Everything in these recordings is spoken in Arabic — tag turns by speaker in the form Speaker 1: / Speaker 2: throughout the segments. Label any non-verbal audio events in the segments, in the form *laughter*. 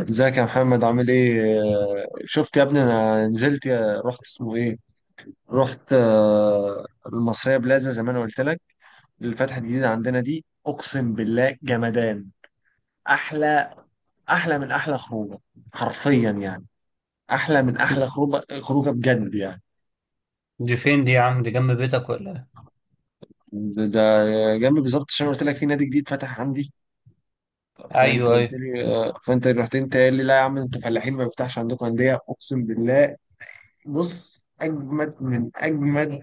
Speaker 1: ازيك يا محمد، عامل ايه؟ شفت يا ابني؟ انا نزلت رحت اسمه ايه، رحت آه، المصرية بلازا زي ما انا قلت لك، اللي فتحت جديدة عندنا دي. اقسم بالله جمدان! احلى! احلى من احلى خروجة، حرفيا يعني. احلى من احلى خروجة، خروجة بجد يعني.
Speaker 2: دي فين دي يا عم؟ دي جنب بيتك ولا إيه؟
Speaker 1: ده جنب بالظبط، عشان قلت لك في نادي جديد فتح عندي، فانت
Speaker 2: ايوه ايوه
Speaker 1: قلت لي فانت رحت انت قال لي لا يا عم انتوا فلاحين، ما بيفتحش عندكم انديه. اقسم بالله، بص، اجمد من اجمد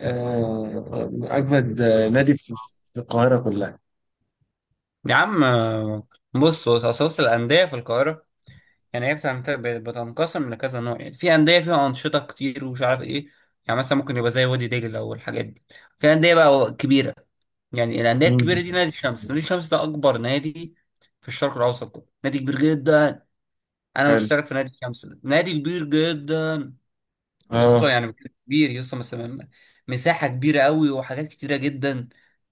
Speaker 1: آه، اجمد نادي في القاهره كلها.
Speaker 2: يا عم. بص بص اصل الانديه في القاهره يعني هي بتنقسم لكذا نوع. يعني في انديه فيها انشطه كتير ومش عارف ايه، يعني مثلا ممكن يبقى زي وادي دجله او الحاجات دي. في انديه بقى كبيره، يعني الانديه
Speaker 1: مم.
Speaker 2: الكبيره دي نادي الشمس. نادي الشمس ده اكبر نادي في الشرق الاوسط كله، نادي كبير جدا. انا
Speaker 1: حلو.
Speaker 2: مشترك في نادي الشمس، ده نادي كبير جدا يا اسطى
Speaker 1: اه،
Speaker 2: يعني. كبير يا اسطى، مثلا مساحه كبيره قوي وحاجات كتيره جدا.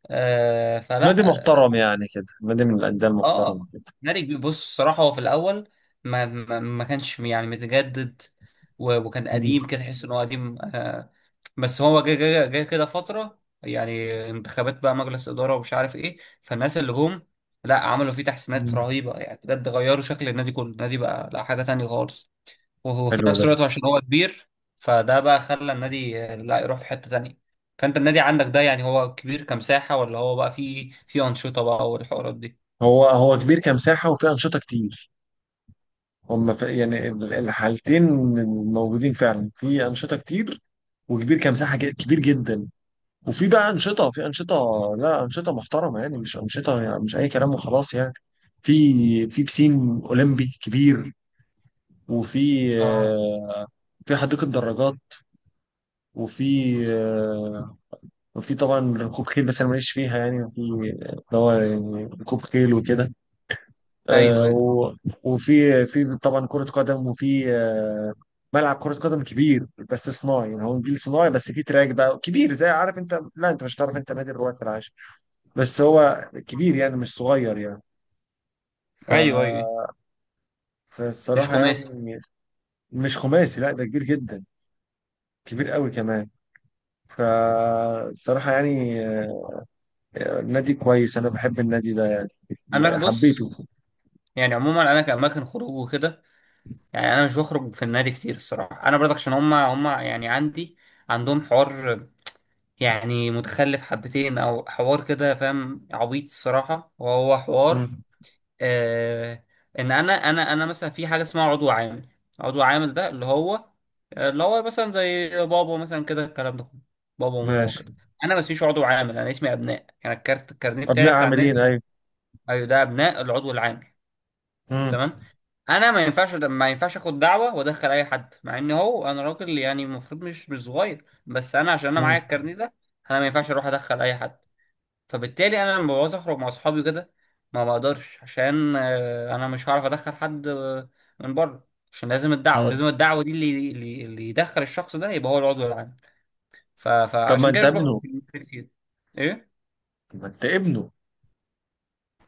Speaker 2: آه
Speaker 1: نادي
Speaker 2: فلا
Speaker 1: محترم يعني كده، نادي من الانديه المحترمه
Speaker 2: اه
Speaker 1: كده.
Speaker 2: مالك. بص الصراحة هو في الأول ما كانش يعني متجدد، وكان
Speaker 1: مم.
Speaker 2: قديم كده، تحس إن هو قديم آه. بس هو جه كده فترة يعني انتخابات بقى مجلس إدارة ومش عارف إيه، فالناس اللي جم لا عملوا فيه تحسينات
Speaker 1: مم.
Speaker 2: رهيبة يعني، بجد غيروا شكل النادي كله. النادي بقى لا حاجة تانية خالص. وهو في
Speaker 1: حلو
Speaker 2: نفس
Speaker 1: ده.
Speaker 2: الوقت عشان هو كبير، فده بقى خلى النادي لا يروح في حتة تانية. فانت النادي عندك ده يعني هو كبير كمساحة، ولا هو بقى فيه أنشطة بقى والحوارات دي؟
Speaker 1: هو كبير كمساحه وفيه انشطه كتير. هم في يعني الحالتين موجودين فعلا، في انشطه كتير، وكبير كمساحه، كبير جدا. وفي بقى انشطه، في انشطه، لا انشطه محترمه يعني، مش انشطه يعني مش اي كلام وخلاص يعني. في في بسين اولمبي كبير، وفي
Speaker 2: اه
Speaker 1: آه، في حديقة دراجات، وفي آه، طبعا ركوب خيل، بس انا ماليش فيها يعني، وفي اللي هو يعني ركوب خيل وكده،
Speaker 2: ايوه
Speaker 1: آه،
Speaker 2: ايوه
Speaker 1: و- وفي طبعا كرة قدم، وفي ملعب كرة قدم كبير، بس صناعي يعني، هو نجيل صناعي، بس فيه تراك بقى كبير، زي، عارف انت؟ لا، انت مش هتعرف، انت نادي الرواد في العاشر، بس هو كبير يعني، مش صغير يعني. ف...
Speaker 2: ايوه ايوه. مش
Speaker 1: فالصراحة يعني،
Speaker 2: خماسي؟
Speaker 1: مش خماسي، لا ده كبير جدا، كبير قوي كمان. فالصراحة يعني نادي كويس، أنا بحب النادي ده يعني،
Speaker 2: انا
Speaker 1: حبيته.
Speaker 2: بص، يعني عموما انا كاماكن خروج وكده، يعني انا مش بخرج في النادي كتير الصراحه. انا برضك عشان هما يعني عندي عندهم حوار، يعني متخلف حبتين او حوار كده، فاهم، عبيط الصراحه وهو حوار
Speaker 1: مم.
Speaker 2: آه. ان انا مثلا في حاجه اسمها عضو عامل. عضو عامل ده اللي هو مثلا زي بابا مثلا كده، الكلام ده كله، بابا وماما
Speaker 1: ماشي.
Speaker 2: كده. انا ما اسميش عضو عامل، انا اسمي ابناء، يعني الكارت الكارنيه بتاعي
Speaker 1: أبناء
Speaker 2: بتاع
Speaker 1: عاملين،
Speaker 2: النادي.
Speaker 1: أيوة.
Speaker 2: ايوه، ده ابناء العضو العامل.
Speaker 1: مم.
Speaker 2: تمام. انا ما ينفعش اخد دعوه وادخل اي حد، مع ان هو انا راجل يعني المفروض، مش صغير، بس انا عشان انا معايا
Speaker 1: مم.
Speaker 2: الكارنيه ده، انا ما ينفعش اروح ادخل اي حد. فبالتالي انا لما بعوز اخرج مع اصحابي كده ما بقدرش، عشان انا مش هعرف ادخل حد من بره، عشان لازم الدعوه،
Speaker 1: مم.
Speaker 2: لازم الدعوه دي اللي يدخل الشخص ده يبقى هو العضو العام.
Speaker 1: طب ما
Speaker 2: فعشان
Speaker 1: أنت
Speaker 2: كده مش باخد
Speaker 1: ابنه؟
Speaker 2: كتير. ايه؟
Speaker 1: طب ما أنت ابنه؟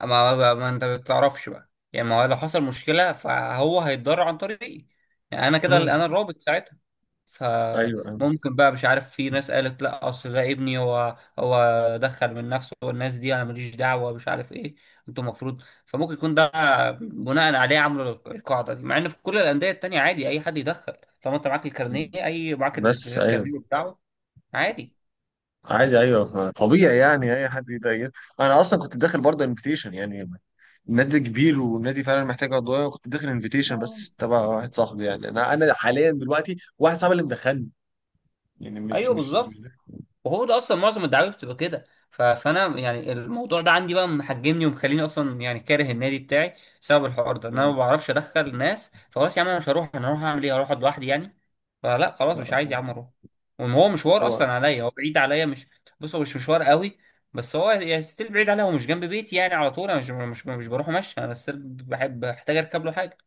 Speaker 2: ما انت بتعرفش بقى يعني. ما هو لو حصل مشكله فهو هيتضرر عن طريقي، يعني انا كده
Speaker 1: مم.
Speaker 2: انا الرابط ساعتها.
Speaker 1: أيوه أيوه.
Speaker 2: فممكن بقى مش عارف، في ناس قالت لا اصل ده ابني، هو دخل من نفسه، والناس دي انا ماليش دعوه مش عارف ايه، انتوا المفروض. فممكن يكون ده بناء عليه عملوا القاعده دي، مع ان في كل الانديه التانيه عادي اي حد يدخل طالما انت معاك الكارنيه، اي معاك
Speaker 1: بس أيوه،
Speaker 2: الكارنيه بتاعه عادي.
Speaker 1: عادي. أيوه، طبيعي يعني، أي حد يضايق. أنا أصلا كنت داخل برضه انفيتيشن يعني، نادي كبير ونادي فعلا محتاج عضوية، كنت داخل انفيتيشن
Speaker 2: آه.
Speaker 1: بس تبع واحد صاحبي يعني. أنا حاليا دلوقتي واحد صاحبي اللي مدخلني، يعني مش
Speaker 2: ايوه
Speaker 1: مش مش
Speaker 2: بالظبط.
Speaker 1: ده.
Speaker 2: وهو ده اصلا معظم الدعاوي بتبقى كده. فانا يعني الموضوع ده عندي بقى محجمني ومخليني اصلا يعني كاره النادي بتاعي بسبب الحوار ده، ان انا
Speaker 1: آه.
Speaker 2: ما بعرفش ادخل ناس. فخلاص يا عم انا مش هروح، انا هروح اعمل ايه؟ هروح أقعد لوحدي يعني؟ فلا خلاص
Speaker 1: لا.
Speaker 2: مش عايز يا عم اروح. وان هو مشوار
Speaker 1: هو.
Speaker 2: اصلا عليا، هو بعيد عليا، مش، بص هو مش مشوار قوي، بس هو يعني ستيل بعيد عليا، هو مش جنب بيتي يعني على طول انا مش بروح ماشي، انا ستيل بحب بحتاج اركب له حاجه.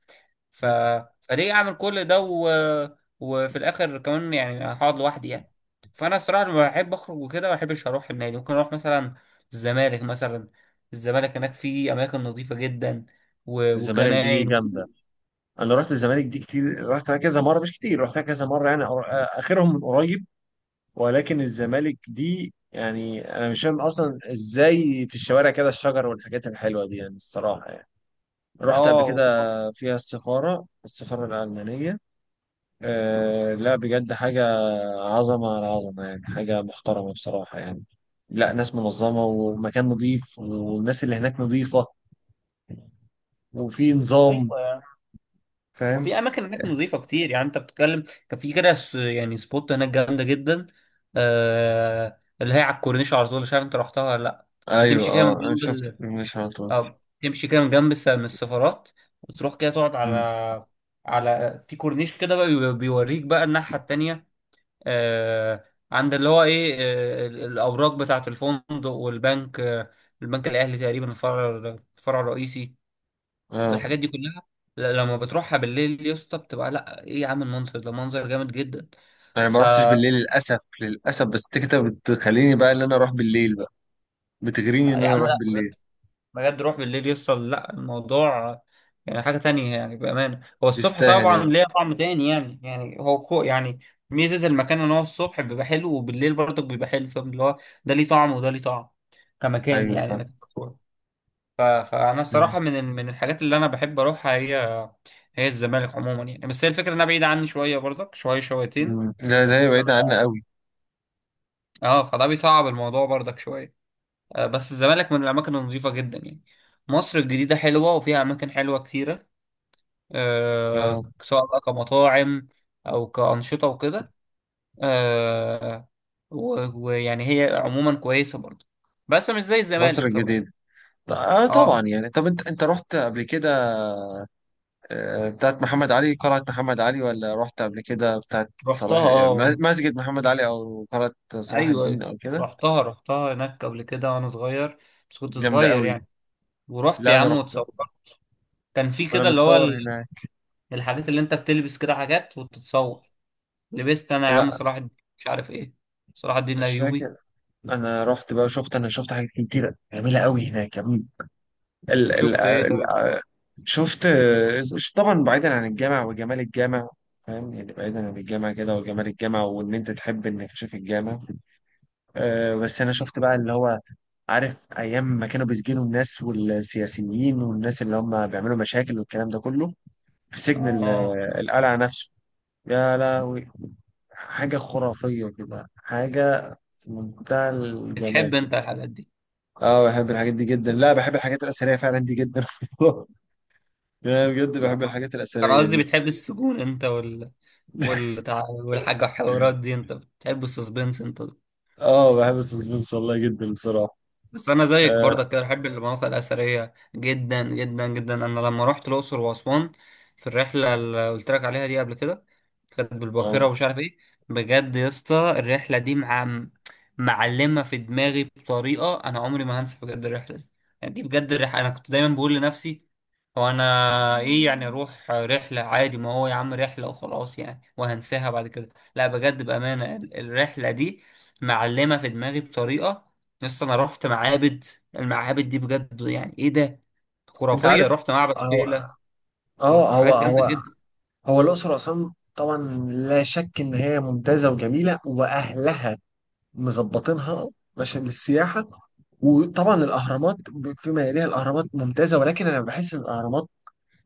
Speaker 2: ف...
Speaker 1: مم.
Speaker 2: فليه اعمل كل ده و... وفي الاخر كمان يعني هقعد لوحدي يعني. فانا الصراحه لما بحب اخرج وكده ما بحبش اروح النادي. ممكن اروح مثلا الزمالك مثلا. الزمالك هناك في اماكن نظيفه جدا، و...
Speaker 1: الزمالك دي
Speaker 2: وجناين، وفي،
Speaker 1: جامده. انا رحت الزمالك دي كتير، رحتها كذا مره، مش كتير، رحتها كذا مره يعني. اخرهم من قريب. ولكن الزمالك دي يعني، انا مش فاهم اصلا ازاي في الشوارع كده الشجر والحاجات الحلوه دي، يعني الصراحه يعني. رحت قبل
Speaker 2: اه
Speaker 1: كده،
Speaker 2: وفي حفظ.
Speaker 1: فيها السفاره الالمانيه. أه لا، بجد حاجه، عظمه على عظمه يعني، حاجه محترمه بصراحه يعني. لا، ناس منظمه، ومكان نظيف، والناس اللي هناك نظيفه، وفي نظام،
Speaker 2: ايوه يعني. وفي
Speaker 1: فاهم؟
Speaker 2: اماكن هناك نظيفه كتير، يعني انت بتتكلم. كان في كده يعني سبوت هناك جامده جدا، آه... اللي هي على الكورنيش على طول، مش عارف انت رحتها ولا لا.
Speaker 1: ايوه.
Speaker 2: بتمشي كده من
Speaker 1: اه، انا شفت
Speaker 2: جنب،
Speaker 1: البرميشن على طول.
Speaker 2: اه تمشي كده من جنب من السفارات وتروح كده تقعد
Speaker 1: مم.
Speaker 2: على على، في كورنيش كده بقى بيوريك بقى الناحية التانية آه، عند اللي هو ايه، آه الأوراق بتاعة الفندق والبنك آه، البنك الأهلي تقريبا الفرع، الفرع الرئيسي،
Speaker 1: اه،
Speaker 2: والحاجات دي كلها. لما بتروحها بالليل يا اسطى بتبقى لا ايه يا عم، المنظر ده منظر جامد جدا.
Speaker 1: انا ما
Speaker 2: ف،
Speaker 1: رحتش بالليل للاسف، للاسف. بس انت كده بتخليني بقى ان انا اروح بالليل بقى، بتغريني ان
Speaker 2: يا
Speaker 1: انا
Speaker 2: عم
Speaker 1: اروح
Speaker 2: لا،
Speaker 1: بالليل،
Speaker 2: بجد روح بالليل يوصل لا الموضوع يعني حاجة تانية يعني بأمانة. هو الصبح
Speaker 1: يستاهل
Speaker 2: طبعا
Speaker 1: يعني.
Speaker 2: ليه طعم تاني يعني، يعني هو كو يعني، ميزة المكان ان هو الصبح بيبقى حلو وبالليل برضك بيبقى حلو، فاهم اللي هو ده ليه طعم وده ليه طعم كمكان،
Speaker 1: ايوه
Speaker 2: يعني
Speaker 1: صح.
Speaker 2: انك تتصور. فأنا
Speaker 1: مم.
Speaker 2: الصراحة من من الحاجات اللي أنا بحب أروحها هي هي الزمالك عموما يعني، بس هي الفكرة إنها بعيدة عني شوية برضك، شوية شويتين.
Speaker 1: مم. لا ده هي
Speaker 2: ف-
Speaker 1: بعيدة عنا قوي.
Speaker 2: اه فده بيصعب الموضوع برضك شوية. بس الزمالك من الأماكن النظيفة جدا يعني. مصر الجديدة حلوة وفيها أماكن حلوة كتيرة،
Speaker 1: اه.
Speaker 2: سواء بقى كمطاعم او كأنشطة وكده، آه، ويعني هي عموما كويسة برضه، بس مش زي
Speaker 1: مصر
Speaker 2: الزمالك طبعا.
Speaker 1: الجديدة. اه، طبعا
Speaker 2: اه
Speaker 1: يعني، طب انت رحت قبل كده بتاعت محمد علي، قلعة محمد علي، ولا رحت قبل كده بتاعت
Speaker 2: رحتها،
Speaker 1: مسجد محمد علي او قلعة صلاح
Speaker 2: ايوه
Speaker 1: الدين
Speaker 2: أيوه.
Speaker 1: او كده؟
Speaker 2: رحتها هناك قبل كده وانا صغير، بس كنت
Speaker 1: جامدة
Speaker 2: صغير
Speaker 1: قوي.
Speaker 2: يعني. ورحت
Speaker 1: لا
Speaker 2: يا
Speaker 1: انا
Speaker 2: عم
Speaker 1: رحت،
Speaker 2: واتصورت، كان في
Speaker 1: وانا
Speaker 2: كده اللي هو
Speaker 1: متصور هناك.
Speaker 2: الحاجات اللي انت بتلبس كده حاجات وتتصور. لبست انا يا عم
Speaker 1: لا
Speaker 2: صلاح الدين مش عارف ايه، صلاح الدين
Speaker 1: مش
Speaker 2: الايوبي.
Speaker 1: فاكر. انا رحت بقى، شفت، انا شفت حاجات كتيره جميله قوي هناك كمان. ال ال
Speaker 2: شفت ايه
Speaker 1: ال
Speaker 2: طيب؟
Speaker 1: شفت، طبعا بعيدا عن الجامع وجمال الجامع، فاهم يعني، بعيدا عن الجامع كده وجمال الجامع، وان انت تحب انك تشوف الجامع. أه بس انا شفت بقى اللي هو، عارف ايام ما كانوا بيسجنوا الناس والسياسيين والناس اللي هم بيعملوا مشاكل والكلام ده كله، في سجن
Speaker 2: اه
Speaker 1: القلعه نفسه؟ يا لهوي، حاجه خرافيه كده، حاجه في منتهى الجمال.
Speaker 2: بتحب انت الحاجات دي؟
Speaker 1: اه بحب الحاجات دي جدا، لا بحب الحاجات الأثرية فعلا دي جدا. *laughs* يعني بجد
Speaker 2: لا
Speaker 1: بحب الحاجات
Speaker 2: كان
Speaker 1: الأثرية
Speaker 2: قصدي
Speaker 1: دي.
Speaker 2: بتحب السجون انت وال...
Speaker 1: *laughs*
Speaker 2: والتع... والحاجة والحوارات دي، انت بتحب السسبنس انت.
Speaker 1: اه بحب السسبنس والله جدا بصراحة.
Speaker 2: بس انا زيك برضك
Speaker 1: اه.
Speaker 2: كده بحب المناطق الاثريه جدا جدا جدا. انا لما رحت الاقصر واسوان في الرحله اللي قلت لك عليها دي قبل كده، كانت بالباخره
Speaker 1: آه.
Speaker 2: ومش عارف ايه، بجد يا اسطى الرحله دي مع معلمه في دماغي بطريقه، انا عمري ما هنسى بجد الرحله دي. يعني دي بجد الرحله، انا كنت دايما بقول لنفسي هو انا ايه يعني، اروح رحله عادي، ما هو يا عم رحله وخلاص يعني وهنساها بعد كده، لا بجد بامانه الرحله دي معلمه في دماغي بطريقه. يس انا رحت معابد، المعابد دي بجد، يعني ايه ده،
Speaker 1: انت
Speaker 2: خرافيه.
Speaker 1: عارف؟
Speaker 2: رحت معبد
Speaker 1: هو
Speaker 2: فيلة
Speaker 1: اه هو
Speaker 2: وحاجات جامده
Speaker 1: هو
Speaker 2: جدا.
Speaker 1: هو الأقصر وأسوان طبعا، لا شك إن هي ممتازة وجميلة، وأهلها مظبطينها عشان للسياحة. وطبعا الأهرامات، فيما يليها الأهرامات ممتازة، ولكن أنا بحس إن الأهرامات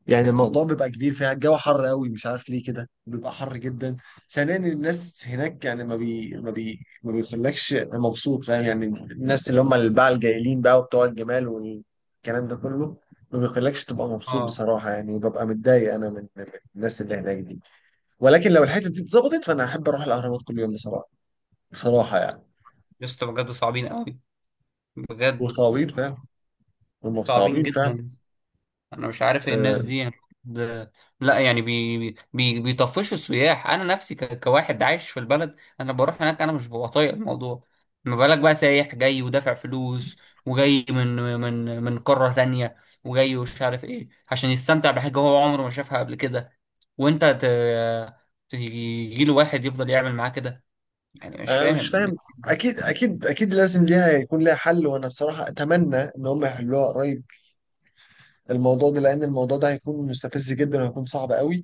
Speaker 1: يعني الموضوع بيبقى كبير فيها، الجو حر قوي، مش عارف ليه كده بيبقى حر جدا. ثانيا، الناس هناك يعني ما بيخلكش مبسوط، فاهم يعني، الناس اللي هم الباعة الجايلين بقى وبتوع الجمال والكلام ده كله، ما بيخلكش تبقى مبسوط
Speaker 2: اه.
Speaker 1: بصراحة يعني، ببقى متضايق أنا من الناس اللي هناك دي. ولكن لو الحتة دي اتظبطت، فأنا أحب أروح الأهرامات كل يوم، بصراحة. بصراحة يعني.
Speaker 2: يس بجد صعبين قوي، بجد
Speaker 1: وصعبين فعلا، هم
Speaker 2: صعبين
Speaker 1: صعبين فعلا.
Speaker 2: جدا. انا مش عارف ايه الناس
Speaker 1: آه،
Speaker 2: دي يعني، د-، لا يعني بي بيطفشوا السياح. انا نفسي كواحد عايش في البلد انا بروح هناك انا مش ببقى طايق الموضوع، ما بالك بقى سايح جاي ودافع فلوس وجاي من من قارة تانية وجاي ومش عارف ايه عشان يستمتع بحاجة هو عمره ما شافها قبل كده، وانت ت... تجيله واحد يفضل يعمل معاه كده، يعني مش
Speaker 1: انا مش
Speaker 2: فاهم.
Speaker 1: فاهم. اكيد اكيد اكيد لازم ليها يكون ليها حل، وانا بصراحه اتمنى ان هم يحلوها قريب الموضوع ده، لان الموضوع ده هيكون مستفز جدا وهيكون صعب قوي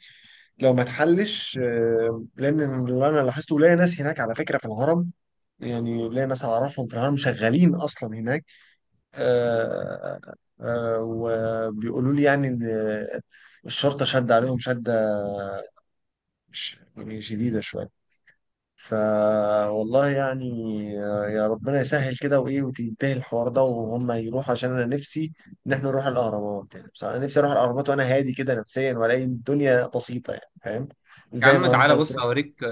Speaker 1: لو ما اتحلش، لان اللي انا لاحظته، ليا ناس هناك على فكره في الهرم، يعني ليا ناس اعرفهم في الهرم شغالين اصلا هناك، آه، وبيقولوا لي يعني ان الشرطه شد عليهم شده، يعني شديده شويه. ف والله يعني، يا ربنا يسهل كده وايه، وتنتهي الحوار ده وهم يروحوا، عشان انا نفسي ان احنا نروح الاهرامات يعني. بصراحه، انا نفسي اروح الاهرامات وانا هادي كده نفسيا، والاقي الدنيا بسيطه يعني، فاهم؟
Speaker 2: يا
Speaker 1: زي
Speaker 2: عم
Speaker 1: ما انت
Speaker 2: تعالى بص
Speaker 1: بتروح.
Speaker 2: هوريك،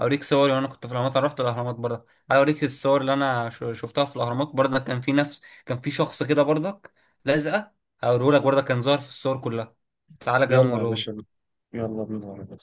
Speaker 2: هوريك صوري وانا كنت في الاهرامات، انا رحت الاهرامات برضه، تعالى اوريك الصور اللي انا شفتها في الاهرامات برضه. كان في نفس، كان في شخص كده برضك لازقه، هوريهولك برضه كان ظاهر في الصور كلها، تعالى كده
Speaker 1: يلا يا باشا،
Speaker 2: اوريهولك.
Speaker 1: يلا بينا يا رب.